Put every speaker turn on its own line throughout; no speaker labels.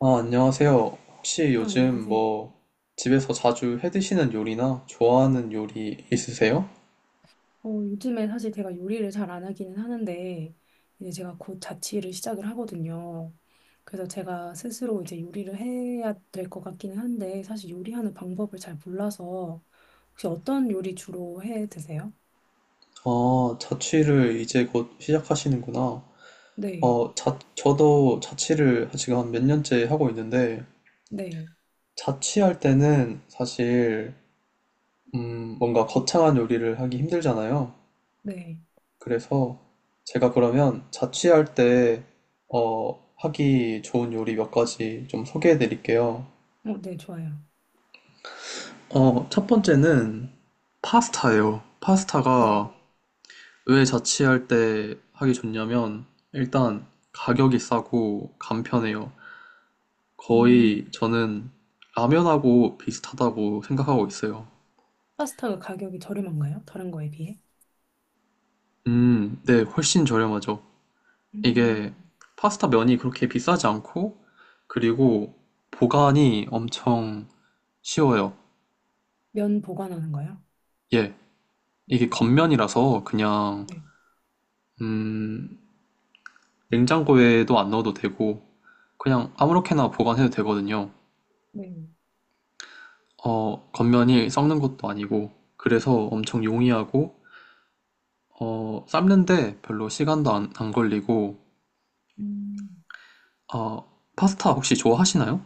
아, 안녕하세요. 혹시
네,
요즘
안녕하세요.
뭐 집에서 자주 해 드시는 요리나 좋아하는 요리 있으세요?
요즘에 사실 제가 요리를 잘 안 하기는 하는데, 이제 제가 곧 자취를 시작을 하거든요. 그래서 제가 스스로 이제 요리를 해야 될 것 같기는 한데, 사실 요리하는 방법을 잘 몰라서, 혹시 어떤 요리 주로 해 드세요?
아, 자취를 이제 곧 시작하시는구나.
네,
저도 자취를 지금 한 몇 년째 하고 있는데,
네,
자취할 때는 사실, 뭔가 거창한 요리를 하기 힘들잖아요.
네.
그래서 제가 그러면 자취할 때, 하기 좋은 요리 몇 가지 좀 소개해 드릴게요.
네, 좋아요.
어, 첫 번째는 파스타예요.
네.
파스타가 왜 자취할 때 하기 좋냐면 일단 가격이 싸고 간편해요.
음,
거의 저는 라면하고 비슷하다고 생각하고 있어요.
파스타가 가격이 저렴한가요? 다른 거에 비해?
네, 훨씬 저렴하죠. 이게
음,
파스타 면이 그렇게 비싸지 않고 그리고 보관이 엄청 쉬워요.
면 보관하는 거요?
예, 이게
음,
겉면이라서 그냥
네,
음, 냉장고에도 안 넣어도 되고 그냥 아무렇게나 보관해도 되거든요.
네.
어, 겉면이 썩는 것도 아니고, 그래서 엄청 용이하고, 삶는데 별로 시간도 안 걸리고,
음.
어, 파스타 혹시 좋아하시나요?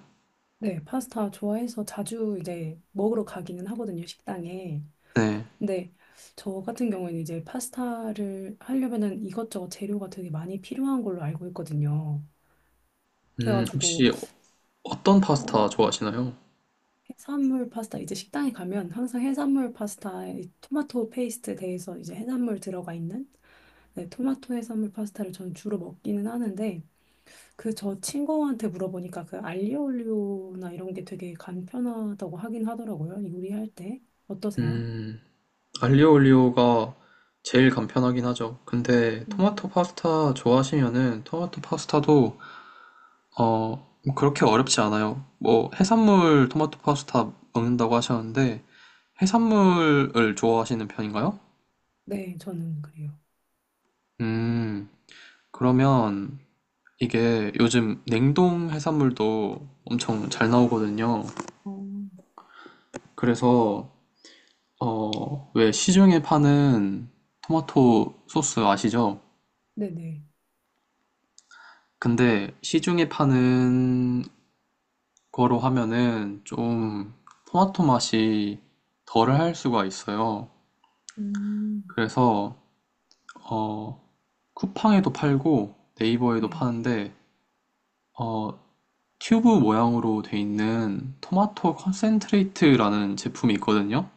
네, 파스타 좋아해서 자주 이제 먹으러 가기는 하거든요, 식당에.
네.
근데 저 같은 경우에는 이제 파스타를 하려면은 이것저것 재료가 되게 많이 필요한 걸로 알고 있거든요. 그래가지고,
혹시 어떤
어,
파스타 좋아하시나요?
해산물 파스타, 이제 식당에 가면 항상 해산물 파스타에 이 토마토 페이스트 대해서 이제 해산물 들어가 있는 네, 토마토 해산물 파스타를 저는 주로 먹기는 하는데, 그 저 친구한테 물어보니까 그 알리오올리오나 이런 게 되게 간편하다고 하긴 하더라고요. 요리할 때. 어떠세요?
음, 알리오 올리오가 제일 간편하긴 하죠. 근데 토마토
음,
파스타 좋아하시면은 토마토 파스타도 어, 뭐 그렇게 어렵지 않아요. 뭐 해산물 토마토 파스타 먹는다고 하셨는데 해산물을 좋아하시는 편인가요?
네, 저는 그래요.
음, 그러면 이게 요즘 냉동 해산물도 엄청 잘 나오거든요.
어,
그래서, 어, 왜 시중에 파는 토마토 소스 아시죠?
네네.
근데 시중에 파는 거로 하면은 좀 토마토 맛이 덜할 수가 있어요.
음,
그래서, 어, 쿠팡에도 팔고 네이버에도
네.
파는데, 어, 튜브 모양으로 돼 있는 토마토 컨센트레이트라는 제품이 있거든요.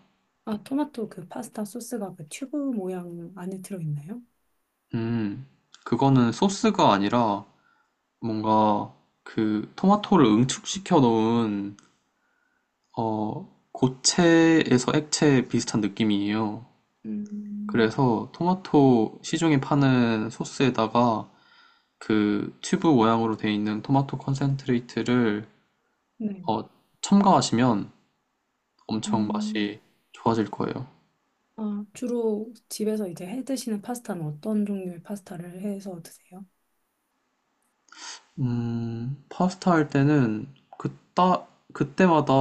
아, 토마토 그 파스타 소스가 그 튜브 모양 안에 들어있나요?
음, 그거는 소스가 아니라 뭔가 그 토마토를 응축시켜 놓은, 고체에서 액체 비슷한 느낌이에요.
음,
그래서 토마토 시중에 파는 소스에다가 그 튜브 모양으로 돼 있는 토마토 컨센트레이트를
네.
어, 첨가하시면 엄청
음.
맛이 좋아질 거예요.
아, 주로 집에서 이제 해 드시는 파스타는 어떤 종류의 파스타를 해서 드세요?
파스타 할 때는 그따, 그때마다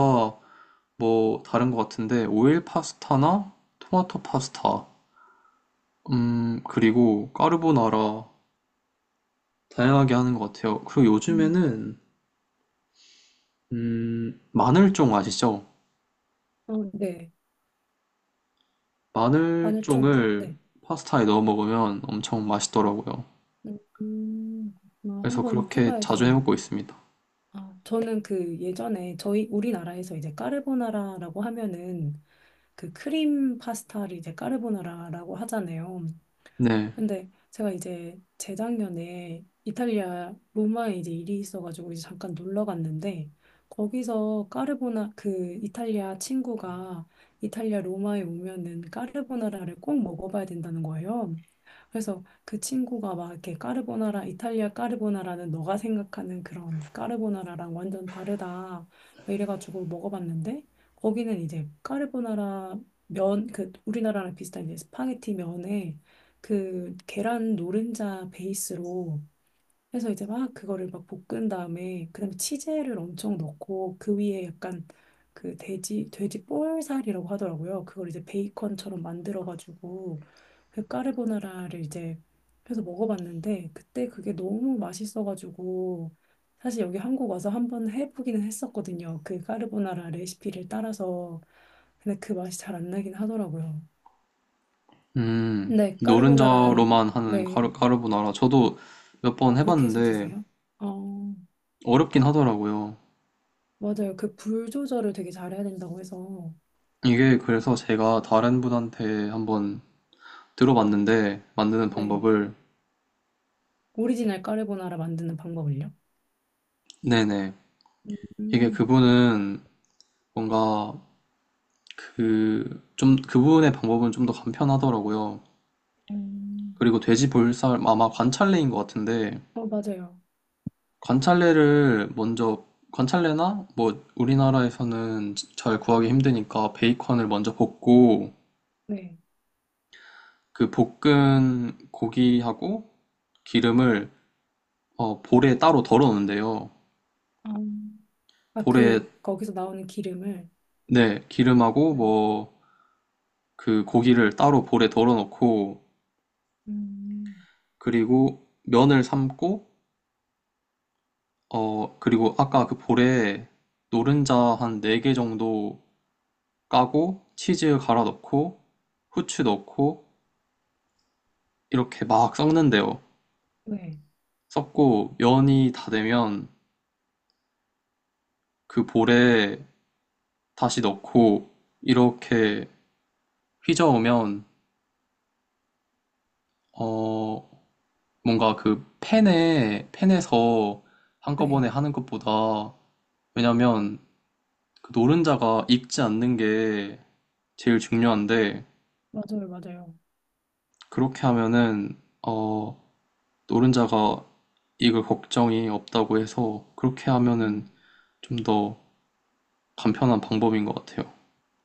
뭐 다른 것 같은데 오일 파스타나 토마토 파스타, 그리고 까르보나라 다양하게 하는 것 같아요. 그리고
음.
요즘에는 마늘쫑 아시죠?
어, 네. 마늘 좀.
마늘쫑을
네.
파스타에 넣어 먹으면 엄청 맛있더라고요.
음, 아,
그래서
한번
그렇게
해봐야
자주 해
되네요.
먹고 있습니다.
아, 저는 그 예전에 저희 우리나라에서 이제 까르보나라라고 하면은 그 크림 파스타를 이제 까르보나라라고 하잖아요.
네,
근데 제가 이제 재작년에 이탈리아 로마에 이제 일이 있어가지고 이제 잠깐 놀러 갔는데 거기서 까르보나 그 이탈리아 친구가 이탈리아 로마에 오면은 까르보나라를 꼭 먹어봐야 된다는 거예요. 그래서 그 친구가 막 이렇게 까르보나라 이탈리아 까르보나라는 너가 생각하는 그런 까르보나라랑 완전 다르다 막 이래가지고 먹어봤는데 거기는 이제 까르보나라 면 그 우리나라랑 비슷한 이제 스파게티 면에 그 계란 노른자 베이스로 해서 이제 막 그거를 막 볶은 다음에 그다음에 치즈를 엄청 넣고 그 위에 약간 그 돼지 볼살이라고 하더라고요. 그걸 이제 베이컨처럼 만들어 가지고 그 까르보나라를 이제 해서 먹어봤는데 그때 그게 너무 맛있어 가지고 사실 여기 한국 와서 한번 해보기는 했었거든요. 그 까르보나라 레시피를 따라서 근데 그 맛이 잘 안 나긴 하더라고요. 근데 까르보나라는
노른자로만 하는
네
까르보나라 저도 몇 번
그렇게 해서
해봤는데
드세요? 어,
어렵긴 하더라고요.
맞아요. 그 불 조절을 되게 잘해야 된다고 해서,
이게 그래서 제가 다른 분한테 한번 들어봤는데 만드는
네.
방법을.
오리지널 까르보나라 만드는 방법을요?
네네, 이게
음,
그분은 뭔가 그 좀 그분의 방법은 좀 더 간편하더라고요.
음,
그리고 돼지 볼살 아, 아마 관찰레인 것 같은데
어, 맞아요.
관찰레를 먼저, 관찰레나 뭐 우리나라에서는 잘 구하기 힘드니까 베이컨을 먼저 볶고
네.
그 볶은 고기하고 기름을 볼에 따로 덜어 놓는데요.
아, 아,
볼에,
그, 거기서 나오는 기름을,
네, 기름하고
네,
뭐 그 고기를 따로 볼에 덜어놓고
음,
그리고 면을 삶고 그리고 아까 그 볼에 노른자 한 4개 정도 까고 치즈 갈아 넣고 후추 넣고 이렇게 막 섞는데요.
네,
섞고 면이 다 되면 그 볼에 다시 넣고 이렇게 휘저으면, 어 뭔가 그 팬에서 한꺼번에
네.
하는 것보다, 왜냐면 그 노른자가 익지 않는 게 제일 중요한데
맞아요, 맞아요.
그렇게 하면은 어 노른자가 익을 걱정이 없다고 해서 그렇게 하면은
음.
좀 더 간편한 방법인 것 같아요.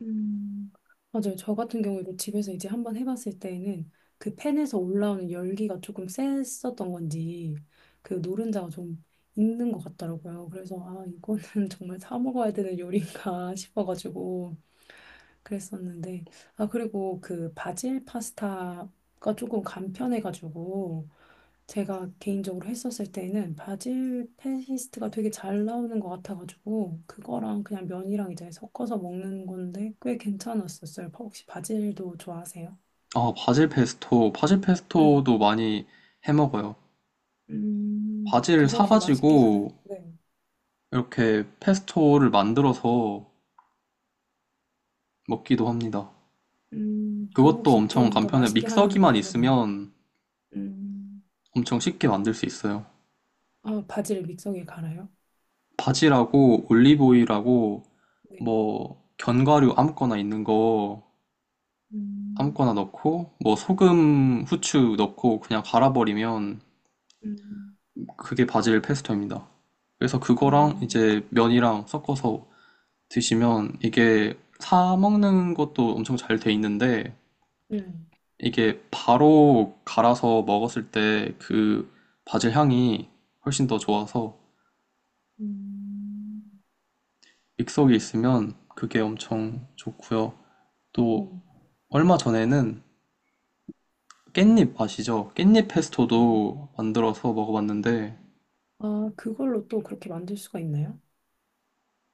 음, 맞아요. 저 같은 경우에도 집에서 이제 한번 해봤을 때에는 그 팬에서 올라오는 열기가 조금 셌었던 건지 그 노른자가 좀 익는 것 같더라고요. 그래서 아, 이거는 정말 사 먹어야 되는 요리인가 싶어가지고 그랬었는데 아 그리고 그 바질 파스타가 조금 간편해가지고 제가 개인적으로 했었을 때는 바질 페이스트가 되게 잘 나오는 것 같아가지고 그거랑 그냥 면이랑 이제 섞어서 먹는 건데 꽤 괜찮았었어요. 혹시 바질도 좋아하세요?
바질
네.
페스토도 많이 해 먹어요. 바질을
그거 혹시 맛있게 하는,
사가지고
네.
이렇게 페스토를 만들어서 먹기도 합니다.
그거
그것도
혹시
엄청
좀 더
간편해.
맛있게 하는
믹서기만
방법인,
있으면
음,
엄청 쉽게 만들 수 있어요.
아, 바질 믹서기에 갈아요?
바질하고 올리브오일하고
네.
뭐 견과류 아무거나 있는 거
음,
아무거나 넣고 뭐 소금, 후추 넣고 그냥 갈아버리면
음,
그게 바질 페스토입니다. 그래서
아.
그거랑 이제 면이랑 섞어서 드시면 이게 사 먹는 것도 엄청 잘 돼 있는데
음.
이게 바로 갈아서 먹었을 때 그 바질 향이 훨씬 더 좋아서
음,
믹서기에 있으면 그게 엄청 좋고요. 또
음.
얼마 전에는 깻잎 아시죠? 깻잎 페스토도 만들어서 먹어봤는데,
아, 그걸로 또 그렇게 만들 수가 있나요?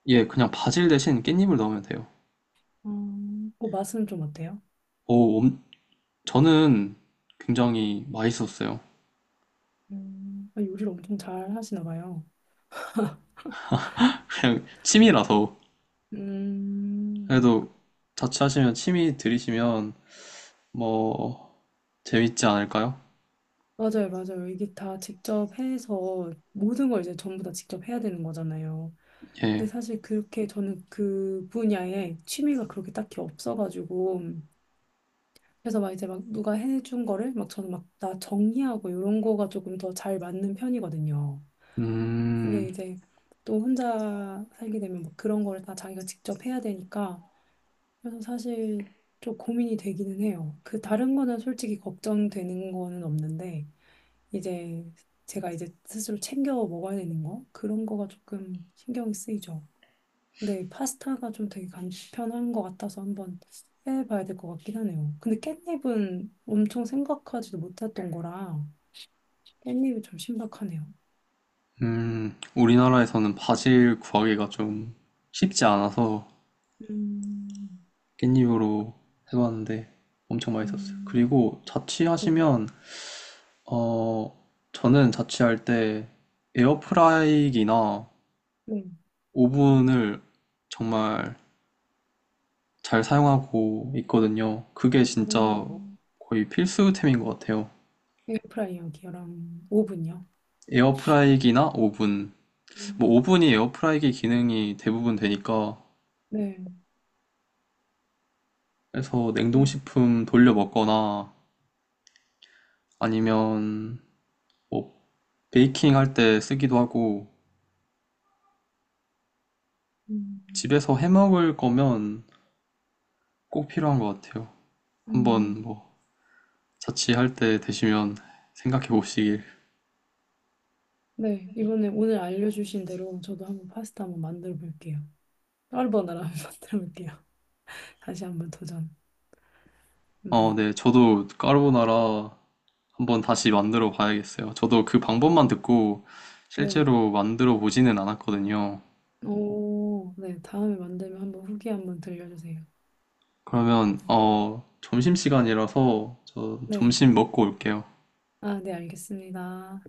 예, 그냥 바질 대신 깻잎을 넣으면 돼요.
아, 맛은 좀 어때요?
오, 엄- 저는 굉장히 맛있었어요.
아, 요리를 엄청 잘 하시나 봐요.
그냥 취미라서.
음,
그래도 자취하시면 취미 들이시면 뭐 재밌지 않을까요?
맞아요, 맞아요. 이게 다 직접 해서 모든 걸 이제 전부 다 직접 해야 되는 거잖아요.
예.
근데 사실 그렇게 저는 그 분야에 취미가 그렇게 딱히 없어가지고 그래서 막 이제 막 누가 해준 거를 막 저는 막 다 정리하고 이런 거가 조금 더 잘 맞는 편이거든요. 근데
음,
이제 또 혼자 살게 되면 막 그런 거를 다 자기가 직접 해야 되니까 그래서 사실 좀 고민이 되기는 해요. 그 다른 거는 솔직히 걱정되는 거는 없는데 이제 제가 이제 스스로 챙겨 먹어야 되는 거 그런 거가 조금 신경이 쓰이죠. 근데 파스타가 좀 되게 간편한 것 같아서 한번 해봐야 될 것 같긴 하네요. 근데 깻잎은 엄청 생각하지도 못했던 거라 깻잎이 좀 신박하네요.
우리나라에서는 바질 구하기가 좀 쉽지 않아서
음,
깻잎으로 해봤는데 엄청 맛있었어요.
음,
그리고
네.
자취하시면 어, 저는 자취할 때 에어프라이기나
네.
오븐을 정말 잘 사용하고 있거든요. 그게 진짜
음,
거의 필수템인 것 같아요.
에어프라이어기랑 오븐이요.
에어프라이기나 오븐.
음,
뭐 오븐이 에어프라이기 기능이 대부분 되니까
네,
그래서
그럼
냉동식품 돌려 먹거나 아니면 뭐 베이킹 할 때 쓰기도 하고
음.
집에서 해 먹을 거면 꼭 필요한 것 같아요.
음,
한번 뭐 자취할 때 되시면 생각해 보시길.
네 이번에 오늘 알려주신 대로 저도 한번 파스타 한번 만들어 볼게요. 까르보나라 한번 만들어 볼게요. 다시 한번 도전.
어,
네,
네. 저도 까르보나라 한번 다시 만들어 봐야겠어요. 저도 그 방법만 듣고
네,
실제로 만들어 보지는 않았거든요.
오, 네 다음에 만들면 한번 후기 한번 들려주세요.
그러면, 어, 점심시간이라서 저
네,
점심 먹고 올게요.
아, 네 알겠습니다.